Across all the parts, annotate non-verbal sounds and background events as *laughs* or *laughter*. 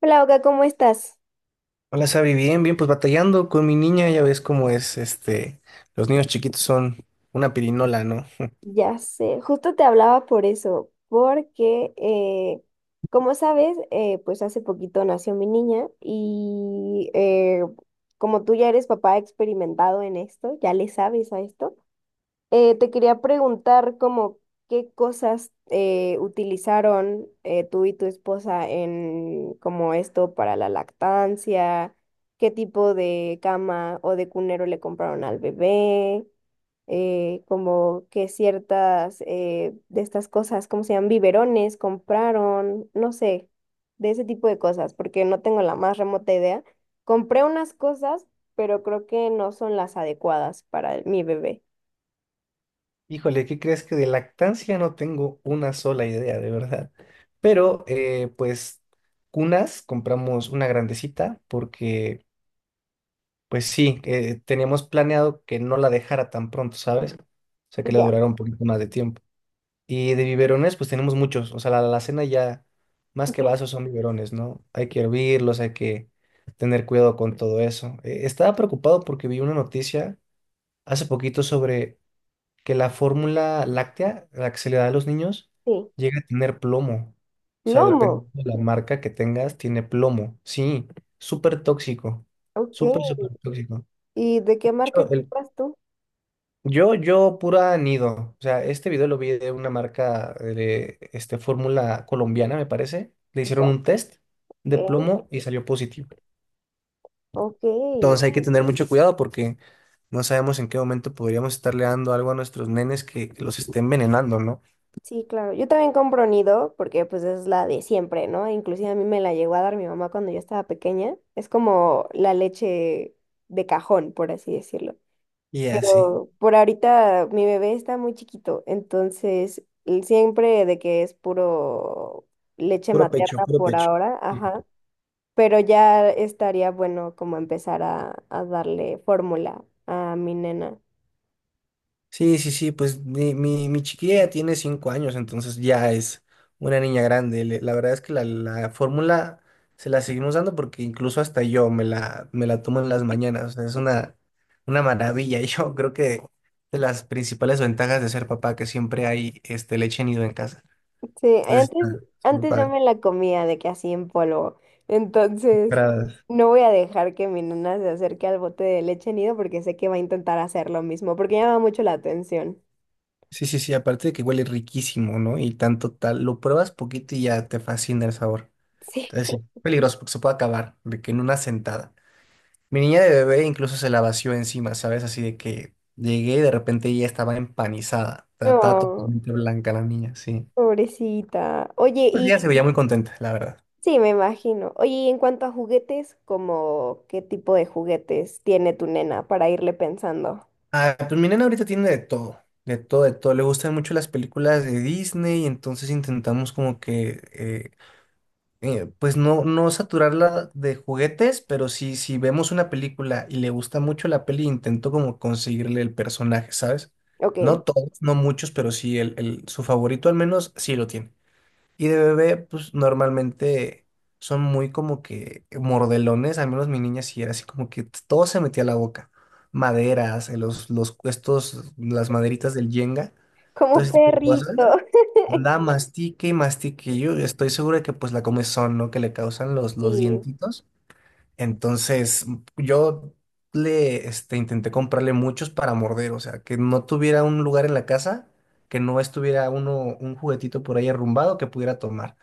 Hola, Oka, ¿cómo estás? Hola, Sabi, bien, bien, pues batallando con mi niña, ya ves cómo es, los niños chiquitos son una pirinola, ¿no? *laughs* Ya sé, justo te hablaba por eso, porque como sabes, pues hace poquito nació mi niña y como tú ya eres papá experimentado en esto, ya le sabes a esto, te quería preguntar como qué cosas utilizaron tú y tu esposa en como esto para la lactancia, qué tipo de cama o de cunero le compraron al bebé. Eh, como que ciertas de estas cosas, ¿cómo se llaman? Biberones, compraron, no sé, de ese tipo de cosas, porque no tengo la más remota idea. Compré unas cosas, pero creo que no son las adecuadas para mi bebé. Híjole, ¿qué crees que de lactancia no tengo una sola idea, de verdad? Pero, pues, cunas, compramos una grandecita porque, pues sí, teníamos planeado que no la dejara tan pronto, ¿sabes? O sea, que le Ya, durara un poquito más de tiempo. Y de biberones, pues tenemos muchos. O sea, la alacena ya, más que ya, vasos, son biberones, ¿no? Hay que hervirlos, hay que tener cuidado con todo eso. Estaba preocupado porque vi una noticia hace poquito sobre que la fórmula láctea, la que se le da a los niños, sí. llega a tener plomo. O sea, Lomo, dependiendo de la marca que tengas, tiene plomo. Sí, súper tóxico. Súper, ok. súper tóxico. ¿Y de qué marca compras tú? Yo pura nido. O sea, este video lo vi de una marca de fórmula colombiana, me parece. Le hicieron Ya, un test de ok. plomo y salió positivo. Ok. Entonces hay que tener mucho cuidado porque no sabemos en qué momento podríamos estarle dando algo a nuestros nenes que los esté envenenando, ¿no? Sí, claro. Yo también compro nido porque pues es la de siempre, ¿no? Inclusive a mí me la llegó a dar mi mamá cuando yo estaba pequeña. Es como la leche de cajón, por así decirlo. Y así. Pero por ahorita mi bebé está muy chiquito, entonces él siempre de que es puro leche Puro pecho, materna puro por pecho. ahora, ajá. Pero ya estaría bueno como empezar a darle fórmula a mi nena. Sí, sí, sí, pues mi chiquilla ya tiene 5 años, entonces ya es una niña grande. La verdad es que la fórmula se la seguimos dando porque incluso hasta yo me la tomo en las mañanas. O sea, es una maravilla. *laughs* Yo creo que de las principales ventajas de ser papá que siempre hay leche nido en casa. Sí, Entonces, antes, está muy antes yo padre. me la comía de que así en polvo. Entonces, Para- no voy a dejar que mi nena se acerque al bote de leche nido porque sé que va a intentar hacer lo mismo, porque llama mucho la atención. Sí, sí, sí, aparte de que huele riquísimo, ¿no? Y tanto tal, lo pruebas poquito y ya te fascina el sabor. *laughs* Sí. Entonces, sí, peligroso porque se puede acabar de que en una sentada. Mi niña de bebé incluso se la vació encima, ¿sabes? Así de que llegué y de repente ella estaba empanizada. Está Oh, totalmente blanca la niña, sí. pobrecita. Oye, Pues y ella se veía muy contenta, la verdad. sí, me imagino. Oye, y en cuanto a juguetes, ¿como qué tipo de juguetes tiene tu nena para irle pensando? Ah, pues mi nena ahorita tiene de todo, de todo, de todo. Le gustan mucho las películas de Disney, entonces intentamos como que, pues no saturarla de juguetes, pero si vemos una película y le gusta mucho la peli, intento como conseguirle el personaje, ¿sabes? Ok, No todos, no muchos, pero sí su favorito al menos sí lo tiene. Y de bebé, pues normalmente son muy como que mordelones, al menos mi niña sí era así como que todo se metía a la boca. Maderas, las maderitas del yenga, todo como ese tipo de perrito. cosas. *laughs* Andaba mastique y mastique. Yo estoy seguro de que pues la comezón, ¿no? Que le causan los Sí. dientitos. Entonces yo le intenté comprarle muchos para morder, o sea, que no tuviera un lugar en la casa, que no estuviera un juguetito por ahí arrumbado que pudiera tomar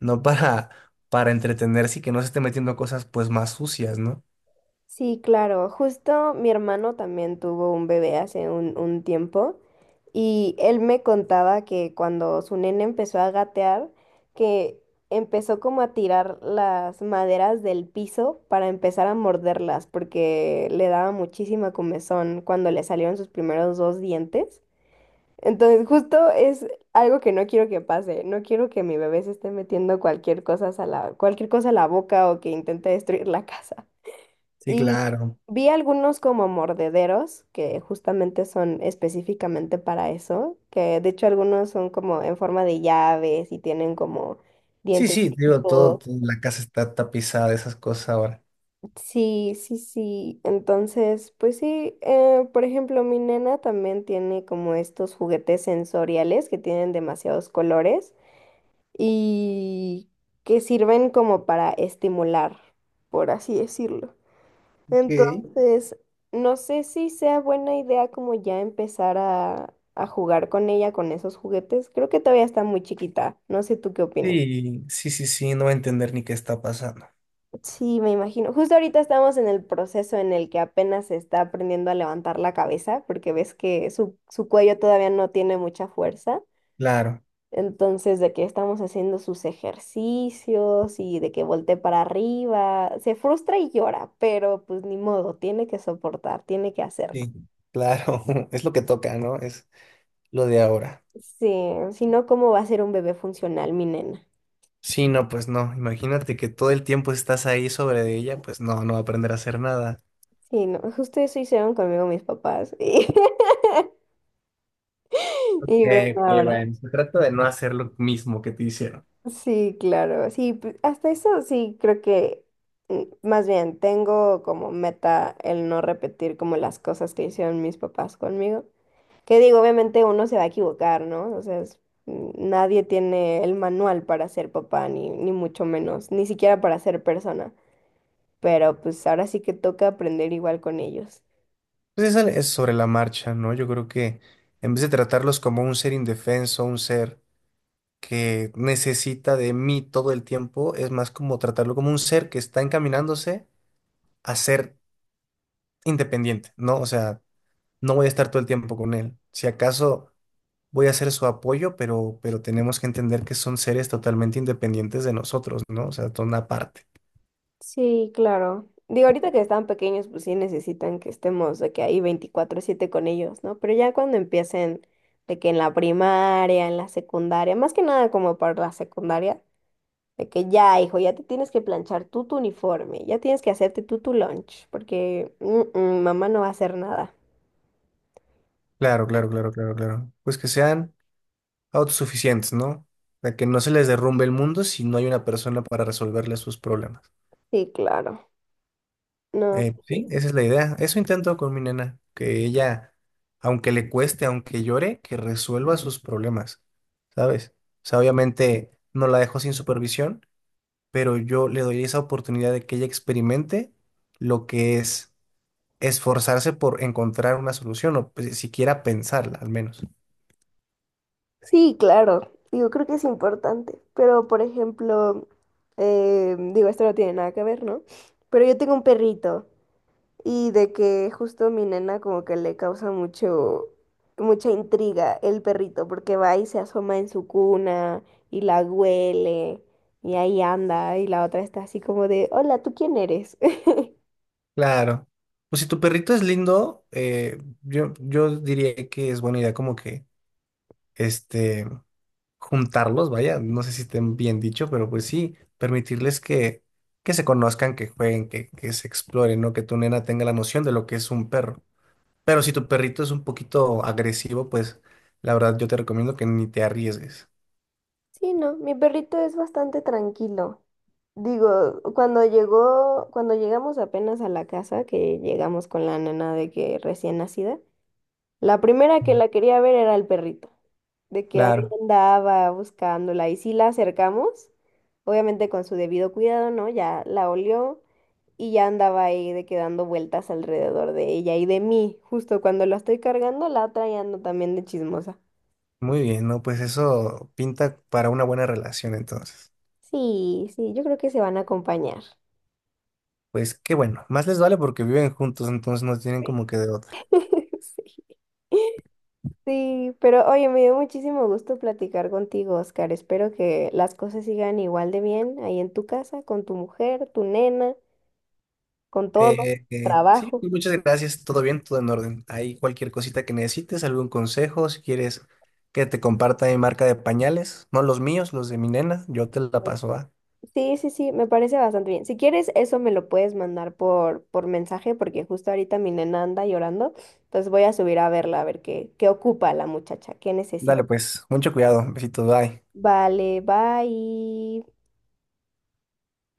no para, para entretenerse y que no se esté metiendo cosas pues más sucias, ¿no? Sí, claro. Justo mi hermano también tuvo un bebé hace un tiempo y él me contaba que cuando su nene empezó a gatear, que empezó como a tirar las maderas del piso para empezar a morderlas porque le daba muchísima comezón cuando le salieron sus primeros dos dientes. Entonces, justo es algo que no quiero que pase. No quiero que mi bebé se esté metiendo cualquier cosa a cualquier cosa a la boca o que intente destruir la *laughs* casa. Sí, Y claro. vi algunos como mordederos, que justamente son específicamente para eso, que de hecho algunos son como en forma de llaves y tienen como Sí, dientes. sí, digo, la casa está tapizada de esas cosas ahora. Sí, sí, sí. Entonces, pues sí, por ejemplo, mi nena también tiene como estos juguetes sensoriales que tienen demasiados colores y que sirven como para estimular, por así decirlo. Ok. Entonces, no sé si sea buena idea como ya empezar a jugar con ella, con esos juguetes. Creo que todavía está muy chiquita. No sé tú qué opinas. Sí, sí, sí, sí, no va a entender ni qué está pasando. Sí, me imagino. Justo ahorita estamos en el proceso en el que apenas se está aprendiendo a levantar la cabeza, porque ves que su cuello todavía no tiene mucha fuerza. Claro, Entonces, de que estamos haciendo sus ejercicios y de que voltee para arriba, se frustra y llora, pero pues ni modo, tiene que soportar, tiene que hacerlo. sí, claro, *laughs* es lo que toca, ¿no? Es lo de ahora. Sí, si no, ¿cómo va a ser un bebé funcional, mi nena? Sí, no, pues no, imagínate que todo el tiempo estás ahí sobre de ella, pues no, no va a aprender a hacer nada. Sí, no, justo eso hicieron conmigo mis papás. *laughs* Y, y ven Que ahora. bueno, se trata de no hacer lo mismo que te hicieron. Sí, claro. Sí, hasta eso sí creo que, mm, más bien, tengo como meta el no repetir como las cosas que hicieron mis papás conmigo. Que digo, obviamente uno se va a equivocar, ¿no? O sea, nadie tiene el manual para ser papá, ni, ni mucho menos, ni siquiera para ser persona. Pero pues ahora sí que toca aprender igual con ellos. Pues es, es sobre la marcha, ¿no? Yo creo que en vez de tratarlos como un ser indefenso, un ser que necesita de mí todo el tiempo, es más como tratarlo como un ser que está encaminándose a ser independiente, ¿no? O sea, no voy a estar todo el tiempo con él. Si acaso voy a ser su apoyo, pero tenemos que entender que son seres totalmente independientes de nosotros, ¿no? O sea, son aparte. Sí, claro. Digo, ahorita que están pequeños, pues sí necesitan que estemos de que ahí 24/7 con ellos, ¿no? Pero ya cuando empiecen de que en la primaria, en la secundaria, más que nada como para la secundaria, de que ya, hijo, ya te tienes que planchar tú tu uniforme, ya tienes que hacerte tú tu lunch, porque mamá no va a hacer nada. Claro, claro, claro, claro, claro. Pues que sean autosuficientes, ¿no? De que no se les derrumbe el mundo si no hay una persona para resolverle sus problemas. Sí, claro. No, pues Sí, sí. esa es la idea. Eso intento con mi nena, que ella, aunque le cueste, aunque llore, que resuelva sus problemas, ¿sabes? O sea, obviamente no la dejo sin supervisión, pero yo le doy esa oportunidad de que ella experimente lo que es esforzarse por encontrar una solución o pues, siquiera pensarla, al menos. Sí, claro. Digo, creo que es importante. Pero, por ejemplo, digo, esto no tiene nada que ver, ¿no? Pero yo tengo un perrito. Y de que justo a mi nena como que le causa mucha intriga el perrito, porque va y se asoma en su cuna y la huele y ahí anda y la otra está así como de, hola, ¿tú quién eres? *laughs* Claro. Pues si tu perrito es lindo, yo diría que es buena idea como que este juntarlos, vaya, no sé si estén bien dicho, pero pues sí, permitirles que se conozcan, que jueguen, que se exploren, ¿no? Que tu nena tenga la noción de lo que es un perro. Pero si tu perrito es un poquito agresivo, pues la verdad yo te recomiendo que ni te arriesgues. Sí, no, mi perrito es bastante tranquilo. Digo, cuando llegó, cuando llegamos apenas a la casa, que llegamos con la nena de que recién nacida, la primera que la quería ver era el perrito, de que Claro. andaba buscándola y sí la acercamos, obviamente con su debido cuidado, ¿no? Ya la olió y ya andaba ahí de que dando vueltas alrededor de ella y de mí, justo cuando la estoy cargando, la otra ya ando también de chismosa. Muy bien, ¿no? Pues eso pinta para una buena relación entonces. Sí, sí, yo creo que se van a acompañar. Pues qué bueno, más les vale porque viven juntos, entonces no tienen como que de otra. *laughs* Sí. Sí, pero oye, me dio muchísimo gusto platicar contigo, Oscar. Espero que las cosas sigan igual de bien ahí en tu casa, con tu mujer, tu nena. Con todo, Sí, trabajo. pues, muchas gracias, todo bien, todo en orden. Hay cualquier cosita que necesites, algún consejo, si quieres que te comparta mi marca de pañales, no los míos, los de mi nena, yo te la paso, va. Sí, sí, sí, me parece bastante bien. Si quieres, eso me lo puedes mandar por mensaje, porque justo ahorita mi nena anda llorando. Entonces voy a subir a verla, a ver qué, qué ocupa la muchacha, qué necesita. Dale pues, mucho cuidado, besitos, bye. Vale, bye.